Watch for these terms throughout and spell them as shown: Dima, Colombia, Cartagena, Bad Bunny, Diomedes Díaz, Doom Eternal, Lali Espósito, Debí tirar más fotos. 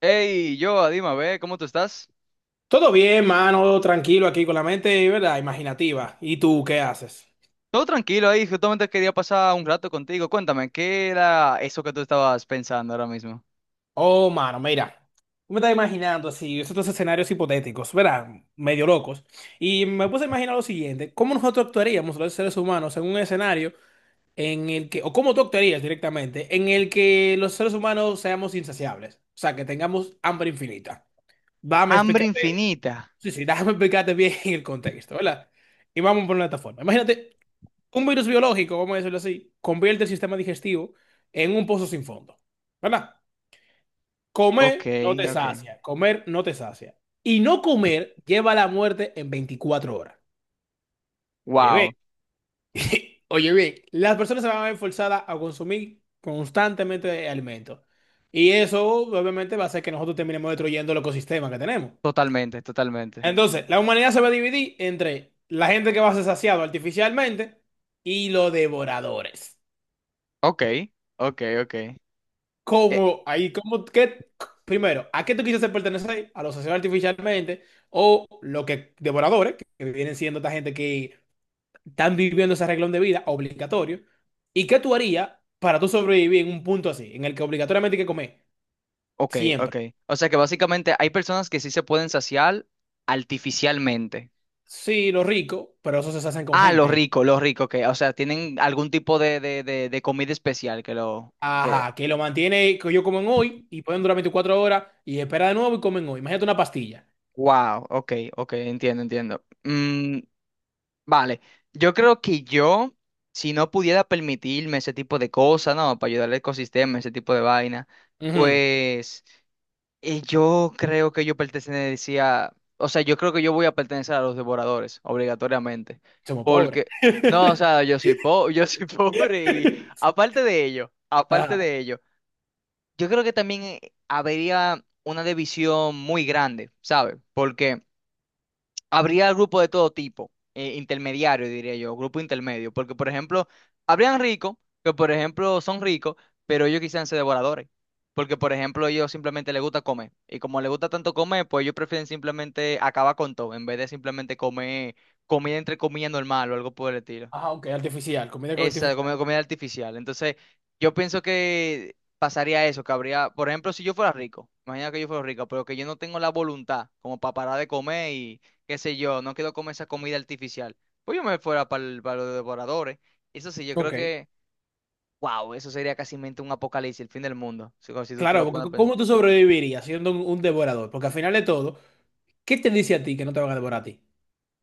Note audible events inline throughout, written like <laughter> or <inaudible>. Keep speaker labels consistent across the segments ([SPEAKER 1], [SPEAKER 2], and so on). [SPEAKER 1] Hey, yo, Dima, ve, ¿cómo tú estás?
[SPEAKER 2] Todo bien, mano, tranquilo aquí con la mente, ¿verdad? Imaginativa. ¿Y tú qué haces?
[SPEAKER 1] Todo tranquilo ahí, justamente quería pasar un rato contigo. Cuéntame, ¿qué era eso que tú estabas pensando ahora mismo?
[SPEAKER 2] Oh, mano, mira. Me estaba imaginando así, estos escenarios hipotéticos, ¿verdad? Medio locos. Y me puse a imaginar lo siguiente: ¿cómo nosotros actuaríamos los seres humanos en un escenario en el que, o cómo tú actuarías directamente, en el que los seres humanos seamos insaciables? O sea, que tengamos hambre infinita. Dame
[SPEAKER 1] Hambre
[SPEAKER 2] explicarte,
[SPEAKER 1] infinita.
[SPEAKER 2] sí, sí, <laughs> déjame explicarte bien el contexto, ¿verdad? Y vamos por una plataforma. Imagínate, un virus biológico, vamos a decirlo así, convierte el sistema digestivo en un pozo sin fondo. ¿Verdad?
[SPEAKER 1] Ok,
[SPEAKER 2] Comer no te, sí,
[SPEAKER 1] ok.
[SPEAKER 2] sacia, comer no te sacia. Y no comer lleva a la muerte en 24 horas. Oye, ve.
[SPEAKER 1] Wow,
[SPEAKER 2] <laughs> Oye, bien, las personas se van a ver forzadas a consumir constantemente alimentos. Y eso obviamente va a hacer que nosotros terminemos destruyendo el ecosistema que tenemos.
[SPEAKER 1] totalmente, totalmente.
[SPEAKER 2] Entonces, la humanidad se va a dividir entre la gente que va a ser saciado artificialmente y los devoradores.
[SPEAKER 1] Ok, ok, ok. Eh,
[SPEAKER 2] ¿Cómo? Ahí, ¿cómo? ¿Qué? Primero, ¿a qué tú quisiste pertenecer? ¿A los asesinos artificialmente? ¿O lo que devoradores, que vienen siendo esta gente que están viviendo ese arreglón de vida obligatorio? ¿Y qué tú harías para tú sobrevivir en un punto así, en el que obligatoriamente hay que comer?
[SPEAKER 1] ok,
[SPEAKER 2] Siempre.
[SPEAKER 1] ok. O sea que básicamente hay personas que sí se pueden saciar artificialmente.
[SPEAKER 2] Sí, los ricos, pero eso se hacen con
[SPEAKER 1] Ah,
[SPEAKER 2] gente.
[SPEAKER 1] los ricos, que, o sea, tienen algún tipo de comida especial que lo... que-
[SPEAKER 2] Ajá, que lo mantiene, que yo comen hoy y pueden durar 24 horas y espera de nuevo y comen hoy. Imagínate una pastilla.
[SPEAKER 1] Wow, ok, ok, entiendo, entiendo. Vale, yo creo que yo, si no pudiera permitirme ese tipo de cosas, ¿no? Para ayudar al ecosistema, ese tipo de vaina,
[SPEAKER 2] Ujú.
[SPEAKER 1] pues yo creo que yo pertenecía, o sea, yo creo que yo voy a pertenecer a los devoradores, obligatoriamente,
[SPEAKER 2] Somos pobres.
[SPEAKER 1] porque, no, o sea, <laughs> yo soy pobre y
[SPEAKER 2] <laughs>
[SPEAKER 1] aparte
[SPEAKER 2] Ajá.
[SPEAKER 1] de ello, yo creo que también habría una división muy grande, ¿sabes? Porque habría grupo de todo tipo, intermediario, diría yo, grupo intermedio, porque por ejemplo, habrían ricos, que por ejemplo son ricos, pero ellos quisieran ser devoradores, porque por ejemplo ellos simplemente les gusta comer, y como les gusta tanto comer, pues ellos prefieren simplemente acabar con todo, en vez de simplemente comer comida entre comillas normal o algo por el estilo.
[SPEAKER 2] Ajá, ok, artificial, comida artificial.
[SPEAKER 1] Comida artificial. Entonces, yo pienso que pasaría eso, que habría, por ejemplo, si yo fuera rico, imagina que yo fuera rico, pero que yo no tengo la voluntad como para parar de comer y qué sé yo, no quiero comer esa comida artificial, pues yo me fuera para los devoradores. Eso sí, yo creo
[SPEAKER 2] Ok.
[SPEAKER 1] que, wow, eso sería casi mente un apocalipsis, el fin del mundo, si, si tú te
[SPEAKER 2] Claro,
[SPEAKER 1] lo
[SPEAKER 2] porque
[SPEAKER 1] pones a
[SPEAKER 2] c-
[SPEAKER 1] pensar.
[SPEAKER 2] ¿cómo tú sobrevivirías siendo un devorador? Porque al final de todo, ¿qué te dice a ti que no te van a devorar a ti?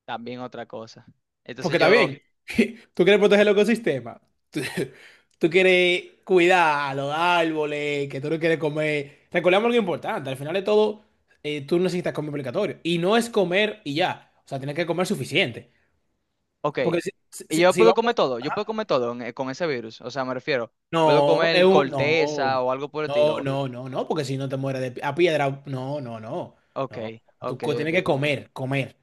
[SPEAKER 1] También otra cosa. Entonces
[SPEAKER 2] Porque está
[SPEAKER 1] yo,
[SPEAKER 2] bien, <laughs> tú quieres proteger el ecosistema, tú, <laughs> tú quieres cuidar a los árboles, que tú no quieres comer. Recordemos algo importante, al final de todo, tú necesitas comer obligatorio. Y no es comer y ya, o sea, tienes que comer suficiente.
[SPEAKER 1] ok,
[SPEAKER 2] Porque
[SPEAKER 1] y yo
[SPEAKER 2] si
[SPEAKER 1] puedo
[SPEAKER 2] vamos...
[SPEAKER 1] comer todo, con ese virus, o sea, me refiero, puedo
[SPEAKER 2] No,
[SPEAKER 1] comer
[SPEAKER 2] no,
[SPEAKER 1] corteza o algo por el
[SPEAKER 2] no,
[SPEAKER 1] estilo.
[SPEAKER 2] no, no, no, porque si no te mueres de pi- a piedra, no, no, no,
[SPEAKER 1] Ok,
[SPEAKER 2] no.
[SPEAKER 1] ok,
[SPEAKER 2] Tienes que
[SPEAKER 1] ok.
[SPEAKER 2] comer, comer,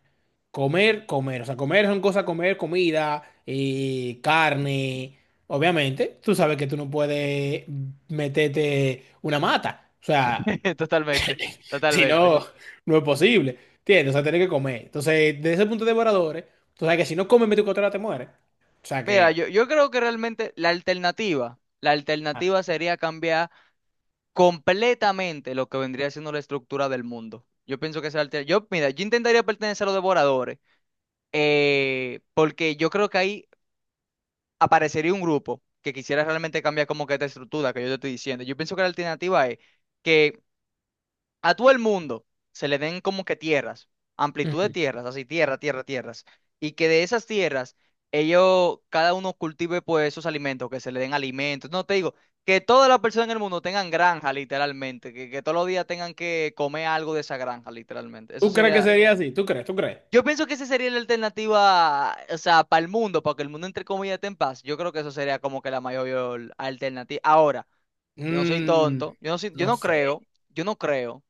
[SPEAKER 2] comer, comer. O sea, comer son cosas, comer, comida, carne. Obviamente, tú sabes que tú no puedes meterte una mata. O sea,
[SPEAKER 1] <laughs> Totalmente,
[SPEAKER 2] <laughs> si
[SPEAKER 1] totalmente.
[SPEAKER 2] no, no es posible. ¿Entiendes? O sea, tienes que comer. Entonces, desde ese punto de devoradores, tú sabes que si no comes 24 horas te mueres. O sea
[SPEAKER 1] Mira,
[SPEAKER 2] que,
[SPEAKER 1] yo creo que realmente la
[SPEAKER 2] ah,
[SPEAKER 1] alternativa sería cambiar completamente lo que vendría siendo la estructura del mundo. Yo pienso que Yo, mira, yo intentaría pertenecer a los devoradores, porque yo creo que ahí aparecería un grupo que quisiera realmente cambiar como que esta estructura que yo te estoy diciendo. Yo pienso que la alternativa es que a todo el mundo se le den como que tierras, amplitud de
[SPEAKER 2] ujú.
[SPEAKER 1] tierras, así tierra, tierra, tierras, y que de esas tierras ellos, cada uno cultive pues sus alimentos, que se le den alimentos, no te digo, que todas las personas en el mundo tengan granja literalmente, que todos los días tengan que comer algo de esa granja literalmente, eso
[SPEAKER 2] ¿Tú crees que
[SPEAKER 1] sería...
[SPEAKER 2] sería así? ¿Tú crees? ¿Tú crees?
[SPEAKER 1] Yo pienso que esa sería la alternativa, o sea, para el mundo, para que el mundo entre comillas esté en paz. Yo creo que eso sería como que la mayor alternativa. Ahora, yo no soy
[SPEAKER 2] Mm,
[SPEAKER 1] tonto,
[SPEAKER 2] no sé,
[SPEAKER 1] yo no creo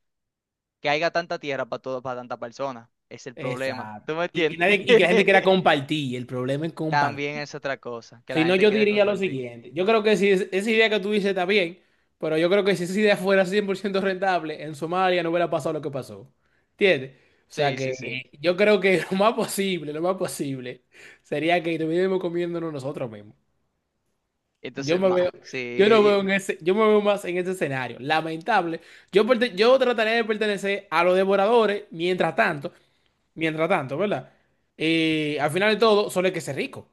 [SPEAKER 1] que haya tanta tierra para todo, para tanta persona. Es el problema.
[SPEAKER 2] exacto.
[SPEAKER 1] ¿Tú me
[SPEAKER 2] Y que
[SPEAKER 1] entiendes?
[SPEAKER 2] nadie, y que la gente quiera
[SPEAKER 1] <laughs>
[SPEAKER 2] compartir, el problema es
[SPEAKER 1] También
[SPEAKER 2] compartir.
[SPEAKER 1] es otra cosa, que la
[SPEAKER 2] Si no,
[SPEAKER 1] gente
[SPEAKER 2] yo
[SPEAKER 1] quiere
[SPEAKER 2] diría lo
[SPEAKER 1] compartir.
[SPEAKER 2] siguiente: yo creo que si esa idea que tú dices está bien, pero yo creo que si esa idea fuera 100% rentable, en Somalia no hubiera pasado lo que pasó. ¿Entiendes? O sea
[SPEAKER 1] Sí, sí,
[SPEAKER 2] que
[SPEAKER 1] sí.
[SPEAKER 2] yo creo que <laughs> lo más posible, sería que estuviéramos comiéndonos nosotros mismos. Yo
[SPEAKER 1] Entonces,
[SPEAKER 2] me
[SPEAKER 1] ma,
[SPEAKER 2] veo,
[SPEAKER 1] sí.
[SPEAKER 2] yo no
[SPEAKER 1] y- y-
[SPEAKER 2] veo en ese, yo me veo más en ese escenario. Lamentable. Yo, yo trataré de pertenecer a los devoradores mientras tanto, ¿verdad? Al final de todo, solo el que se rico.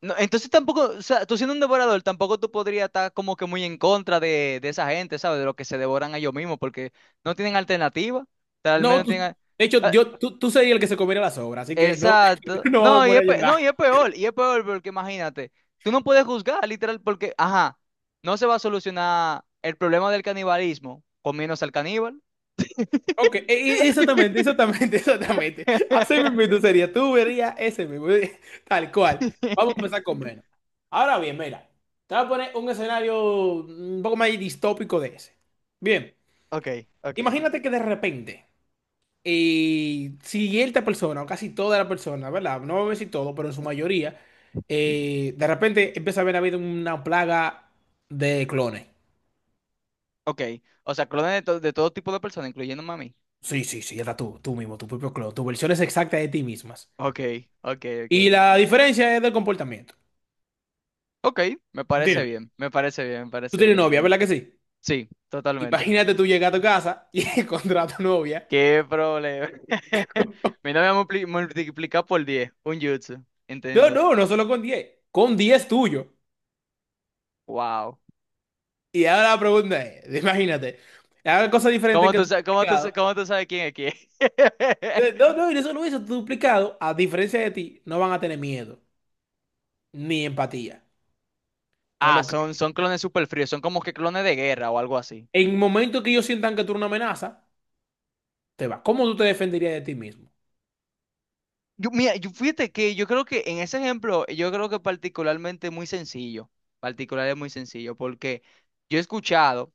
[SPEAKER 1] No, entonces tampoco, o sea, tú siendo un devorador, tampoco tú podrías estar como que muy en contra de esa gente, ¿sabes? De lo que se devoran a ellos mismos, porque no tienen alternativa. Tal vez
[SPEAKER 2] No,
[SPEAKER 1] no tienen.
[SPEAKER 2] de hecho, yo, tú serías el que se comiera las obras, así que no, <laughs>
[SPEAKER 1] Exacto.
[SPEAKER 2] no vamos a poner a llorar.
[SPEAKER 1] No, y es peor porque imagínate, tú no puedes juzgar literal porque, ajá, no se va a solucionar el problema del canibalismo comiéndose al caníbal.
[SPEAKER 2] Ok, exactamente, exactamente, <laughs> exactamente. Así mismo tú sería, tú verías ese mismo, <laughs> tal cual. Vamos a empezar
[SPEAKER 1] <laughs>
[SPEAKER 2] con menos. Ahora bien, mira, te voy a poner un escenario un poco más distópico de ese. Bien,
[SPEAKER 1] Ok, ok.
[SPEAKER 2] imagínate que de repente, cierta persona, o casi toda la persona, ¿verdad? No voy a decir todo, pero en su mayoría, de repente empieza a haber habido una plaga de clones.
[SPEAKER 1] Ok, o sea, clones de, de todo tipo de personas, incluyéndome a mí.
[SPEAKER 2] Sí, sí, sí, ya está tú, mismo, tu propio clon, tus versiones exactas de ti mismas.
[SPEAKER 1] Ok, ok, ok.
[SPEAKER 2] Y la diferencia es del comportamiento.
[SPEAKER 1] Ok, me parece
[SPEAKER 2] ¿Entiendes?
[SPEAKER 1] bien, me parece bien, me
[SPEAKER 2] Tú
[SPEAKER 1] parece
[SPEAKER 2] tienes
[SPEAKER 1] bien.
[SPEAKER 2] novia, ¿verdad que sí?
[SPEAKER 1] Sí, totalmente.
[SPEAKER 2] Imagínate, tú llegas a tu casa y <laughs> encontrar a tu novia.
[SPEAKER 1] ¿Qué problema? <laughs> Mi novia multiplica por 10, un jutsu,
[SPEAKER 2] No,
[SPEAKER 1] entiendo.
[SPEAKER 2] no, no solo con 10, con 10 tuyo.
[SPEAKER 1] Wow.
[SPEAKER 2] Y ahora la pregunta es, <laughs> imagínate, haga cosas diferentes
[SPEAKER 1] ¿Cómo
[SPEAKER 2] que
[SPEAKER 1] tú,
[SPEAKER 2] tu
[SPEAKER 1] sa-
[SPEAKER 2] duplicado.
[SPEAKER 1] cómo tú sabes quién es quién? <laughs>
[SPEAKER 2] No, y no solo eso, tu duplicado, a diferencia de ti, no van a tener miedo ni empatía. Por
[SPEAKER 1] Ah,
[SPEAKER 2] lo que
[SPEAKER 1] son, son clones super fríos, son como que clones de guerra o algo así.
[SPEAKER 2] en el momento que ellos sientan que tú eres una amenaza, te va. ¿Cómo tú te defenderías de ti mismo?
[SPEAKER 1] Yo, mira, yo, fíjate que yo creo que en ese ejemplo, yo creo que particularmente muy sencillo, particular es muy sencillo, porque yo he escuchado,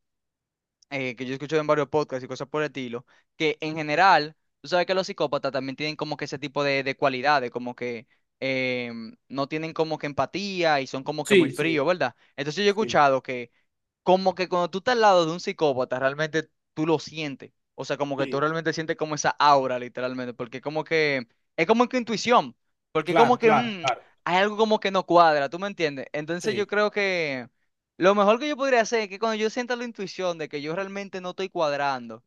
[SPEAKER 1] yo he escuchado en varios podcasts y cosas por el estilo, que en general, tú sabes que los psicópatas también tienen como que ese tipo de cualidades, como que no tienen como que empatía y son como que muy
[SPEAKER 2] Sí,
[SPEAKER 1] fríos,
[SPEAKER 2] sí,
[SPEAKER 1] ¿verdad? Entonces yo he
[SPEAKER 2] sí,
[SPEAKER 1] escuchado que como que cuando tú estás al lado de un psicópata, realmente tú lo sientes. O sea, como que tú
[SPEAKER 2] sí.
[SPEAKER 1] realmente sientes como esa aura, literalmente, porque como que es como que intuición, porque como
[SPEAKER 2] Claro,
[SPEAKER 1] que
[SPEAKER 2] claro, claro.
[SPEAKER 1] hay algo como que no cuadra, ¿tú me entiendes? Entonces yo
[SPEAKER 2] Sí.
[SPEAKER 1] creo que lo mejor que yo podría hacer es que cuando yo sienta la intuición de que yo realmente no estoy cuadrando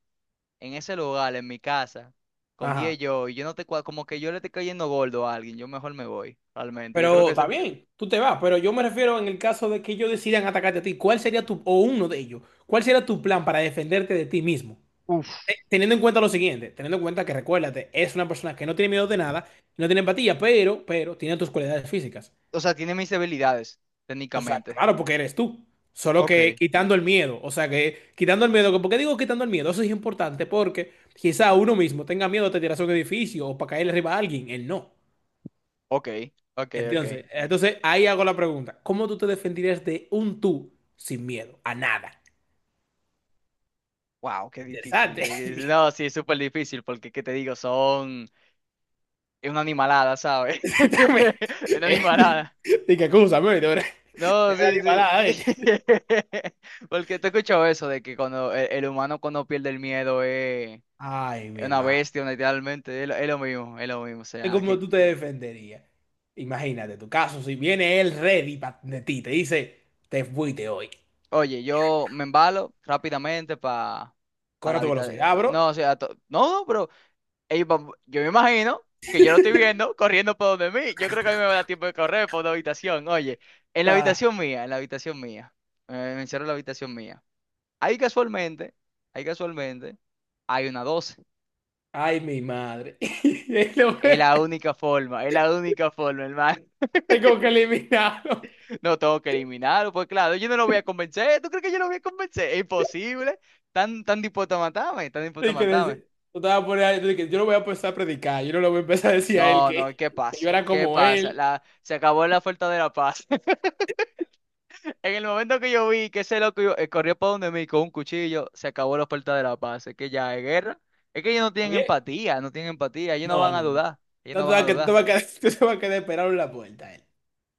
[SPEAKER 1] en ese lugar, en mi casa, con diez
[SPEAKER 2] Ajá.
[SPEAKER 1] yo, y yo no te cuadro, como que yo le estoy cayendo gordo a alguien, yo mejor me voy, realmente. Yo creo
[SPEAKER 2] Pero
[SPEAKER 1] que,
[SPEAKER 2] está
[SPEAKER 1] ese-
[SPEAKER 2] bien, tú te vas, pero yo me refiero en el caso de que ellos decidan atacarte a ti, ¿cuál sería tu, o uno de ellos, cuál sería tu plan para defenderte de ti mismo?
[SPEAKER 1] uf,
[SPEAKER 2] Teniendo en cuenta lo siguiente, teniendo en cuenta que recuérdate, es una persona que no tiene miedo de nada, no tiene empatía, pero tiene tus cualidades físicas.
[SPEAKER 1] o sea, tiene mis debilidades,
[SPEAKER 2] O sea,
[SPEAKER 1] técnicamente.
[SPEAKER 2] claro, porque eres tú. Solo que
[SPEAKER 1] Ok.
[SPEAKER 2] quitando el miedo, o sea que quitando el miedo, ¿por qué digo quitando el miedo? Eso es importante porque quizá uno mismo tenga miedo de tirarse a un edificio o para caer arriba a alguien, él no.
[SPEAKER 1] Ok, ok, ok.
[SPEAKER 2] Entonces ahí hago la pregunta. ¿Cómo tú te defenderías de un tú sin miedo a nada?
[SPEAKER 1] Wow, qué difícil.
[SPEAKER 2] Interesante.
[SPEAKER 1] No, sí, es súper difícil porque, ¿qué te digo? Son... Es una animalada, ¿sabes? <laughs>
[SPEAKER 2] <laughs> También,
[SPEAKER 1] Es una
[SPEAKER 2] eh,
[SPEAKER 1] animalada.
[SPEAKER 2] dije, acúsame, ¿viste? Ahora...
[SPEAKER 1] No,
[SPEAKER 2] es una
[SPEAKER 1] sí,
[SPEAKER 2] animalada,
[SPEAKER 1] sí.
[SPEAKER 2] ¿viste?
[SPEAKER 1] <laughs> Porque te he escuchado eso de que cuando el humano cuando pierde el miedo
[SPEAKER 2] Ay, mi
[SPEAKER 1] es una
[SPEAKER 2] hermano.
[SPEAKER 1] bestia, literalmente. Es lo mismo, es lo mismo. O sea,
[SPEAKER 2] ¿Cómo
[SPEAKER 1] que...
[SPEAKER 2] tú te defenderías? Imagínate tu caso. Si viene él ready de ti, te dice, te fuiste hoy.
[SPEAKER 1] Oye, yo me embalo rápidamente para... Para
[SPEAKER 2] Corre
[SPEAKER 1] la
[SPEAKER 2] a tu
[SPEAKER 1] habitación.
[SPEAKER 2] velocidad, bro.
[SPEAKER 1] No, o sea, no, pero yo me imagino que yo lo estoy viendo corriendo por donde mí. Yo creo que a mí me va a dar tiempo de correr por una habitación. Oye, en la habitación mía, en la habitación mía, me encierro en la habitación mía. Ahí casualmente, ahí casualmente, hay una doce.
[SPEAKER 2] <laughs> Ay, mi madre. <laughs> Es
[SPEAKER 1] Es la única forma, es la única forma, hermano.
[SPEAKER 2] es como que eliminado.
[SPEAKER 1] <laughs> No tengo que eliminarlo, pues claro, yo no lo voy a convencer. ¿Tú crees que yo lo voy a convencer? Es imposible. Tan, tan dispuesto a matarme, tan dispuesto a
[SPEAKER 2] Y que
[SPEAKER 1] matarme.
[SPEAKER 2] yo, te vas a poner de que yo lo voy a empezar a predicar, yo no lo voy a empezar a decir a él
[SPEAKER 1] No, no, ¿qué
[SPEAKER 2] que yo
[SPEAKER 1] pasa?
[SPEAKER 2] era
[SPEAKER 1] ¿Qué
[SPEAKER 2] como
[SPEAKER 1] pasa?
[SPEAKER 2] él.
[SPEAKER 1] La, se acabó la oferta de la paz. <laughs> En el momento que yo vi que corrió para donde mí con un cuchillo, se acabó la oferta de la paz. Es que ya es guerra. Es que ellos no
[SPEAKER 2] ¿Está
[SPEAKER 1] tienen
[SPEAKER 2] bien?
[SPEAKER 1] empatía, no tienen empatía. Ellos no
[SPEAKER 2] No,
[SPEAKER 1] van a
[SPEAKER 2] no, no.
[SPEAKER 1] dudar. Ellos
[SPEAKER 2] No
[SPEAKER 1] no
[SPEAKER 2] te
[SPEAKER 1] van
[SPEAKER 2] vas
[SPEAKER 1] a
[SPEAKER 2] a, tú te
[SPEAKER 1] dudar.
[SPEAKER 2] vas a quedar, <laughs> tú te vas a quedar esperado en la puerta, él.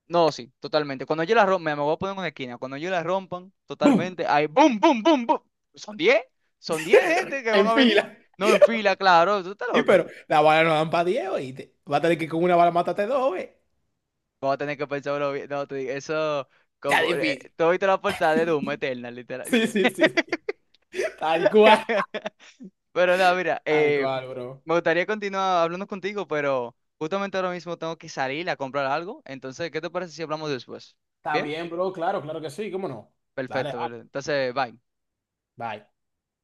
[SPEAKER 1] No, sí, totalmente. Cuando yo la rompa, me voy a poner en una esquina. Cuando yo la rompan,
[SPEAKER 2] ¡Bum!
[SPEAKER 1] totalmente, ahí, boom, boom, boom, boom. Son 10, Son 10 gente
[SPEAKER 2] <laughs>
[SPEAKER 1] que van
[SPEAKER 2] En
[SPEAKER 1] a venir.
[SPEAKER 2] fila.
[SPEAKER 1] No en fila, claro. Tú estás
[SPEAKER 2] Sí,
[SPEAKER 1] loco.
[SPEAKER 2] pero la bala no dan para 10, oíste. Va a tener que con una bala matarte dos, ¿eh?
[SPEAKER 1] Vamos a tener que pensarlo bien. No, te digo, eso.
[SPEAKER 2] Está
[SPEAKER 1] Como,
[SPEAKER 2] difícil.
[SPEAKER 1] tú viste la portada de Doom Eternal, literal.
[SPEAKER 2] Sí, sí, sí, sí. Tal cual.
[SPEAKER 1] <laughs> Pero no mira,
[SPEAKER 2] Tal cual, bro.
[SPEAKER 1] me gustaría continuar hablando contigo, pero justamente ahora mismo tengo que salir a comprar algo. Entonces, ¿qué te parece si hablamos después?
[SPEAKER 2] Está
[SPEAKER 1] ¿Bien?
[SPEAKER 2] bien, bro. Claro, claro que sí. ¿Cómo no? Dale,
[SPEAKER 1] Perfecto,
[SPEAKER 2] dale.
[SPEAKER 1] perfecto. Entonces, bye.
[SPEAKER 2] Bye.